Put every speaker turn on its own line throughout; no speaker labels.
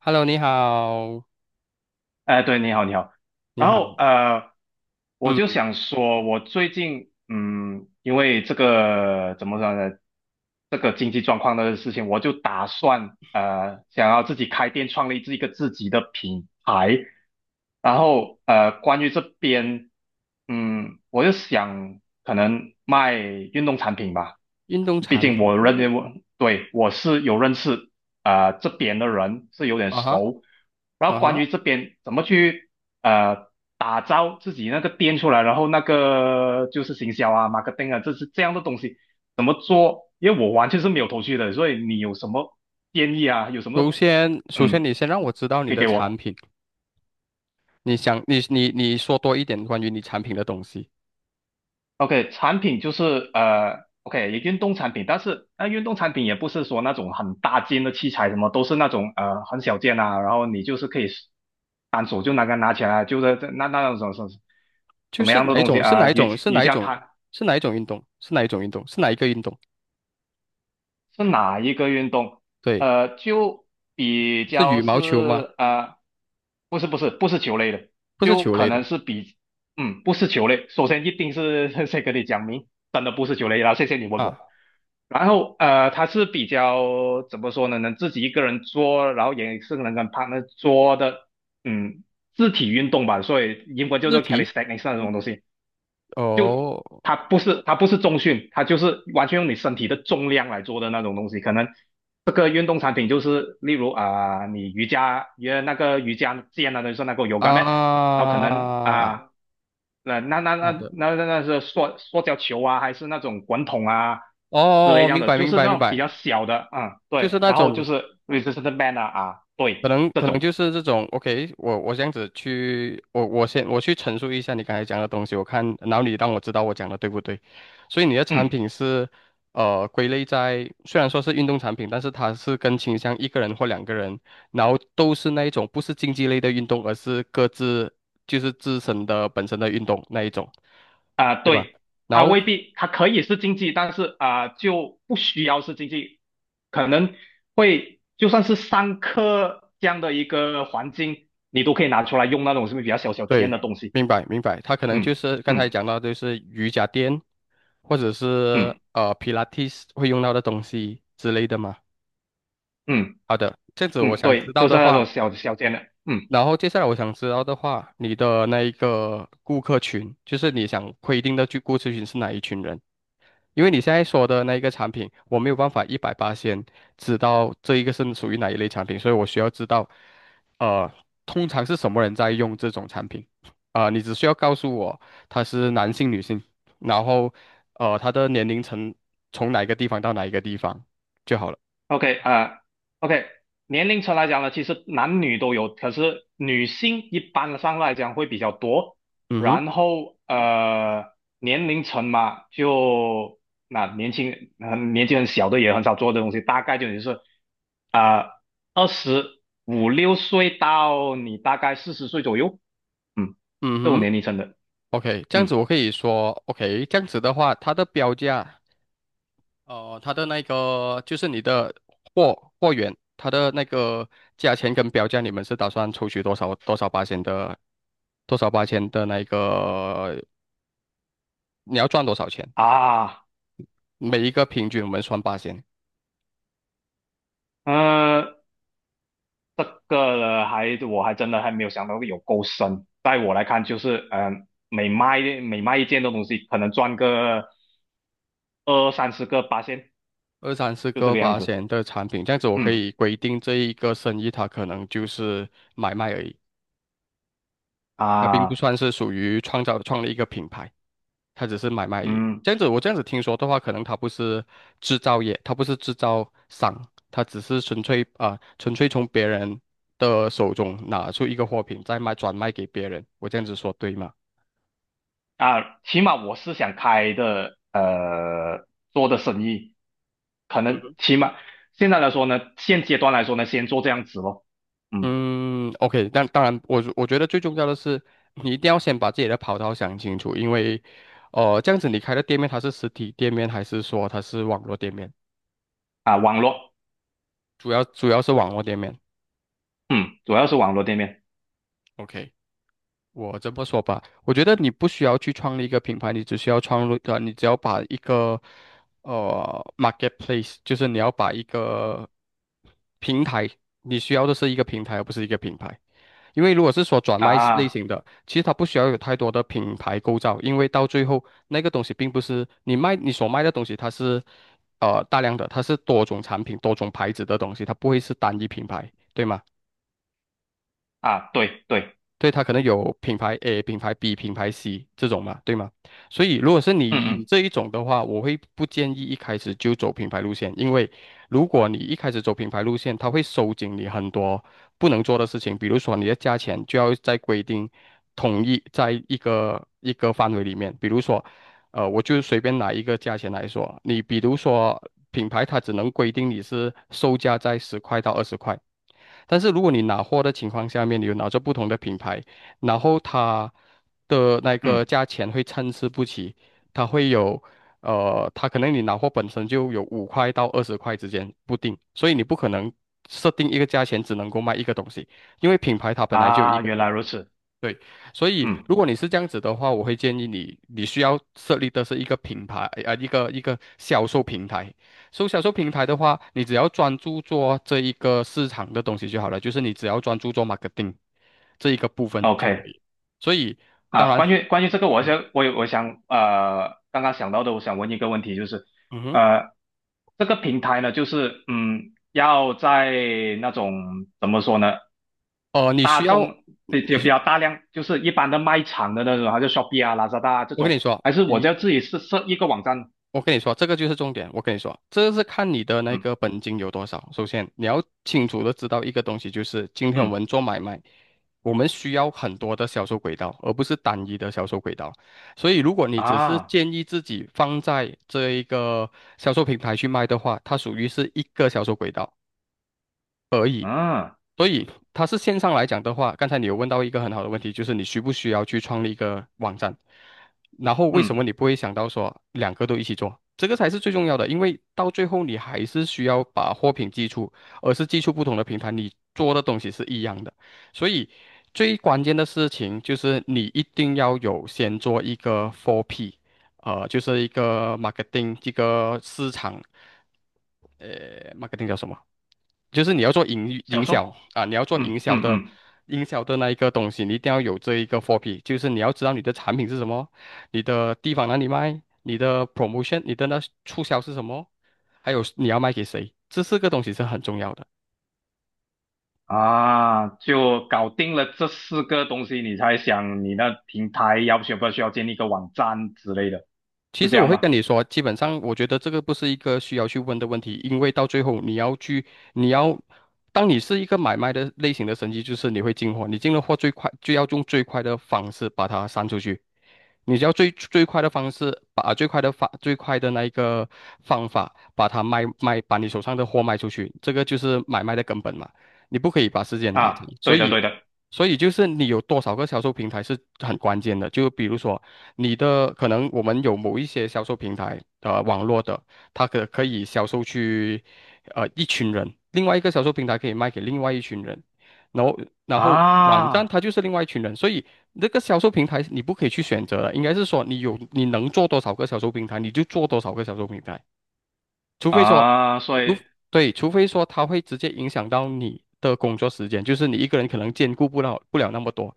Hello，你好，
哎，对，你好，你好。
你
然
好，
后我就
嗯，
想说，我最近因为这个怎么说呢，这个经济状况的事情，我就打算想要自己开店，创立一个自己的品牌。然后关于这边，我就想可能卖运动产品吧。
运动
毕
产
竟
品，
我认为我对我是有认识啊、这边的人是有点
啊哈，
熟，然后
啊
关
哈。
于这边怎么去呃打造自己那个店出来，然后那个就是行销啊、marketing 啊，这是这样的东西，因为我完全是没有头绪的，所以你有什么建议啊？有什
首
么
先，首先
嗯
你先让我知道你
可以
的
给
产
我？
品，你说多一点关于你产品的东西，
OK，产品就是OK，运动产品，但是运动产品也不是说那种很大件的器材，什么都是那种很小件啊，然后你就是可以单手就拿起来，就是那种什么什么
就
什么
是
样的
哪一
东西
种，是
啊、
哪一种，
瑜
是
瑜
哪一
伽
种，
毯
是哪一种运动，是哪一种运动，是哪一个运动？
是哪一个运动？
对，
就比
是
较
羽
是
毛球吗？
呃，不是不是不是球类的，
不是
就
球
可
类的
能是不是球类。首先一定是 先跟你讲明，真的不是球类然后谢谢你问我。
啊，
然后它是比较怎么说呢？能自己一个人做，然后也是能跟 partner 做的，嗯，肢体运动吧，所以英文叫
肢
做
体，
calisthenics 那种东西。就
哦，
它不是重训，它就是完全用你身体的重量来做的那种东西。可能这个运动产品就是例如啊、你瑜伽来那个瑜伽垫啊，就是那个 yoga mat，然后可能啊。
啊，
那那那
好的，
那那那是塑胶球啊，还是那种滚筒啊
哦，
之类
哦
这样
明
的，
白，
就
明
是
白，
那
明
种比
白，
较小的，嗯，
就是
对，
那
然后
种
就是 resistance band 啊啊，
可
对，
能
这
可能
种，
就是这种，OK，我这样子去，我先去陈述一下你刚才讲的东西，我看，然后你让我知道我讲的对不对。所以你的产
嗯
品是，归类在虽然说是运动产品，但是它是更倾向一个人或两个人，然后都是那一种不是竞技类的运动，而是各自就是自身的本身的运动那一种，
啊、
对吧？
对，
然
它
后
未必它可以是竞技，但是啊、就不需要是竞技，可能会就算是上课这样的一个环境，你都可以拿出来用那种是不是比较小小尖
对，
的东西？
明白明白，他可能就
嗯
是刚才
嗯
讲到，就是瑜伽垫，或者是
嗯
皮拉提会用到的东西之类的嘛。
嗯嗯，
好的，这样子
嗯
我
嗯
想
对，
知道
都是
的
那
话，
种小小尖的，嗯。
然后接下来我想知道的话，你的那一个顾客群，就是你想规定的去顾客群是哪一群人？因为你现在说的那一个产品，我没有办法一百八先知道这一个是属于哪一类产品，所以我需要知道，呃，通常是什么人在用这种产品，你只需要告诉我他是男性、女性，然后，他的年龄层从哪一个地方到哪一个地方就好了。
OK，OK，年龄层来讲呢，其实男女都有，可是女性一般上来讲会比较多。
嗯哼，
然后年龄层嘛，就年纪很小的也很少做这东西，大概就也是啊二十五六岁到你大概40岁左右，嗯，
嗯
这种年龄
哼
层的，
，OK，这样子
嗯
我可以说，OK，这样子的话，它的标价。哦，它的那个就是你的货源，它的那个价钱跟标价，你们是打算抽取多少八千的，多少八千的那个，你要赚多少钱？
啊，
每一个平均我们算八千，
呃，这个呢，我真的还没有想到有够深。在我来看，就是每卖一件的东西，可能赚个二三十个八仙，
二三四
就这
个
个样
八
子。
千的产品，这样子我可
嗯
以规定这一个生意它可能就是买卖而已，它并不
啊，
算是属于创立一个品牌。它只是买卖而已
嗯
这样子，我这样子听说的话，可能它不是制造业，它不是制造商，它只是纯粹从别人的手中拿出一个货品，转卖给别人。我这样子说对吗？
啊，起码我是想开的，做的生意，可
嗯
能
哼，
起码现在来说呢，现阶段来说呢，先做这样子咯。嗯
嗯，OK，但当然，我觉得最重要的是，你一定要先把自己的跑道想清楚，因为，这样子你开的店面它是实体店面还是说它是网络店面？
啊，网络，
主要是网络店面。
嗯，主要是网络店面
OK。我这么说吧，我觉得你不需要去创立一个品牌，你只要把一个marketplace，平台，你需要的是一个平台，而不是一个品牌。因为如果是说转卖类
啊
型的，其实它不需要有太多的品牌构造，因为到最后那个东西并不是你所卖的东西，它是大量的，它是多种产品、多种牌子的东西，它不会是单一品牌，对吗？
啊，对对，
对，它可能有品牌 A、品牌 B、品牌 C 这种嘛，对吗？所以如果是你以
嗯
这一种的话，我会不建议一开始就走品牌路线，因为如果你一开始走品牌路线，它会收紧你很多不能做的事情，比如说你的价钱就要在规定统一在一个一个范围里面，比如说，我就随便拿一个价钱来说，你比如说品牌它只能规定你是售价在十块到二十块。但是如果你拿货的情况下面，你有拿着不同的品牌，然后它的那
嗯
个
嗯
价钱会参差不齐，它会有，它可能你拿货本身就有5块到二十块之间不定，所以你不可能设定一个价钱只能够卖一个东西，因为品牌它本来就有一
啊，
个。
原来如此。
对，所以
嗯。
如果你是这样子的话，我会建议你，你需要设立的是一个品牌，啊、一个销售平台。所以销售平台的话，你只要专注做这一个市场的东西就好了，就是你只要专注做 marketing 这一个部分就可
OK
以。所以，当
啊，
然，
关于这个我
嗯
想我有我想刚刚想到的，我想问一个问题，就是
嗯哼，
呃，这个平台呢，就是要在那种怎么说呢，
你需要
就比
你，
较大量，就是一般的卖场的那种，还是 Shopee 啊、l a 拉 a d 啊这
我跟你
种，
说，
还是我就
你
要自己设一个网站？
我跟你说，这个就是重点。我跟你说，这是看你的那
嗯
个本金有多少。首先，你要清楚的知道一个东西，就是今天我
嗯
们做买卖，我们需要很多的销售轨道，而不是单一的销售轨道。所以，如果你只是
啊
建议自己放在这一个销售平台去卖的话，它属于是一个销售轨道；
嗯
所以它是线上来讲的话，刚才你有问到一个很好的问题，就是你需不需要去创立一个网站？然后为什么
嗯，
你不会想到说两个都一起做？这个才是最重要的，因为到最后你还是需要把货品寄出，而是寄出不同的平台，你做的东西是一样的。所以最关键的事情就是你一定要有先做一个 4P，就是一个 marketing 这个市场，呃，marketing 叫什么？就是你要做营
小
营
售，
销啊，你要做
嗯
营销
嗯
的
嗯。
营销的那一个东西，你一定要有这一个货 p 就是你要知道你的产品是什么，你的地方哪里卖，你的 promotion，你的那促销是什么，还有你要卖给谁，这四个东西是很重要的。
啊，就搞定了这四个东西，你才想你那平台要需不需要建立一个网站之类的，
其
是
实
这
我
样
会跟
吧？
你说，基本上我觉得这个不是一个需要去问的问题，因为到最后你要去，你要，当你是一个买卖的类型的生意，就是你会进货，你进了货最快就要用最快的方式把它散出去。你只要最快的方式，把最快的那一个方法，把它卖卖，把你手上的货卖出去，这个就是买卖的根本嘛。你不可以把时间拉长，
啊，对
所
的，
以，
对的，
就是你有多少个销售平台是很关键的。就比如说可能我们有某一些销售平台，网络的，它可以销售去，一群人，另外一个销售平台可以卖给另外一群人。然后然后网站
啊
它就是另外一群人，所以那个销售平台你不可以去选择的，应该是说你能做多少个销售平台，你就做多少个销售平台，除非说
啊，所以
对，除非说它会直接影响到你的工作时间，就是你一个人可能兼顾不了那么多，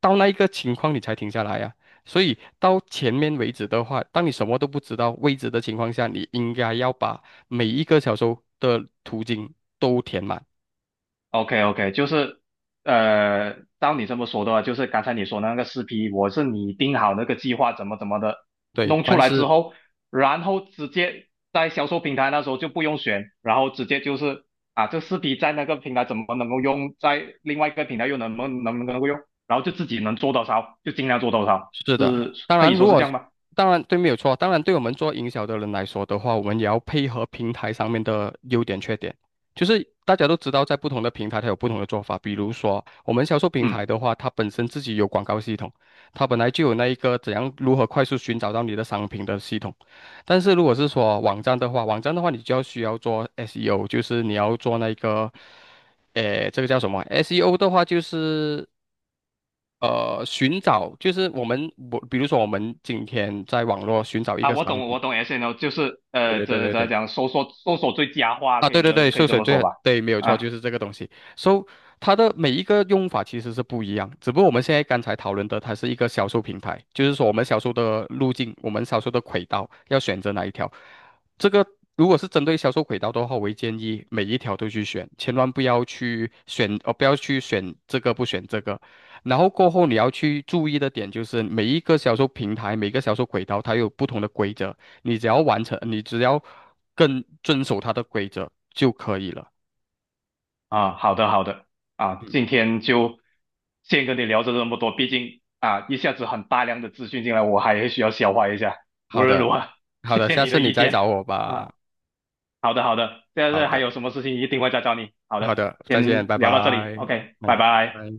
到那一个情况你才停下来呀、所以到前面为止的话，当你什么都不知道位置的情况下，你应该要把每一个销售的途径都填满。
OK OK，就是照你这么说的话，就是刚才你说那个四 P，我是拟定好那个计划怎么怎么的，
对，
弄出来之后，然后直接在销售平台那时候就不用选，然后直接就是啊，这四 P 在那个平台怎么能够用，在另外一个平台又能不能够用，然后就自己能做多少就尽量做多少，
是的，
是
当
可
然，
以说是这样吗？
当然对，没有错。当然，对我们做营销的人来说的话，我们也要配合平台上面的优点缺点。就是大家都知道，在不同的平台它有不同的做法。比如说，我们销售平台
嗯。
的话，它本身自己有广告系统，它本来就有那一个如何快速寻找到你的商品的系统。但是如果是说网站的话，你就需要做 SEO，就是你要做那个，诶，这个叫什么？SEO 的话就是寻找就是我们我，比如说我们今天在网络寻找一
啊，
个
我
商
懂，
品，
我懂 SNL，就是
对对对
怎
对
怎么
对，
讲，搜索最佳化，
啊，
可
对
以
对
这
对，
可以
秀
这
水
么说
最
吧？
对，没有错，就
啊。
是这个东西。So，它的每一个用法其实是不一样，只不过我们现在刚才讨论的，它是一个销售平台，就是说我们销售的路径，我们销售的轨道要选择哪一条。这个如果是针对销售轨道的话，我会建议每一条都去选，千万不要去选，呃，不要去选这个不选这个。然后过后你要去注意的点就是每一个销售平台，每一个销售轨道，它有不同的规则。你只要更遵守它的规则就可以了。
啊，好的好的啊，
嗯，
今天就先跟你聊着这么多，毕竟啊一下子很大量的资讯进来，我还需要消化一下。无
好
论
的，
如何，
好
谢
的，
谢
下
你
次
的
你
意
再
见
找我
啊。
吧。
好的好的，现
好
在还
的，
有什么事情一定会再找你。好
好
的，
的，再见，
先
拜
聊到这里
拜。
，OK，拜
嗯。
拜。
拜。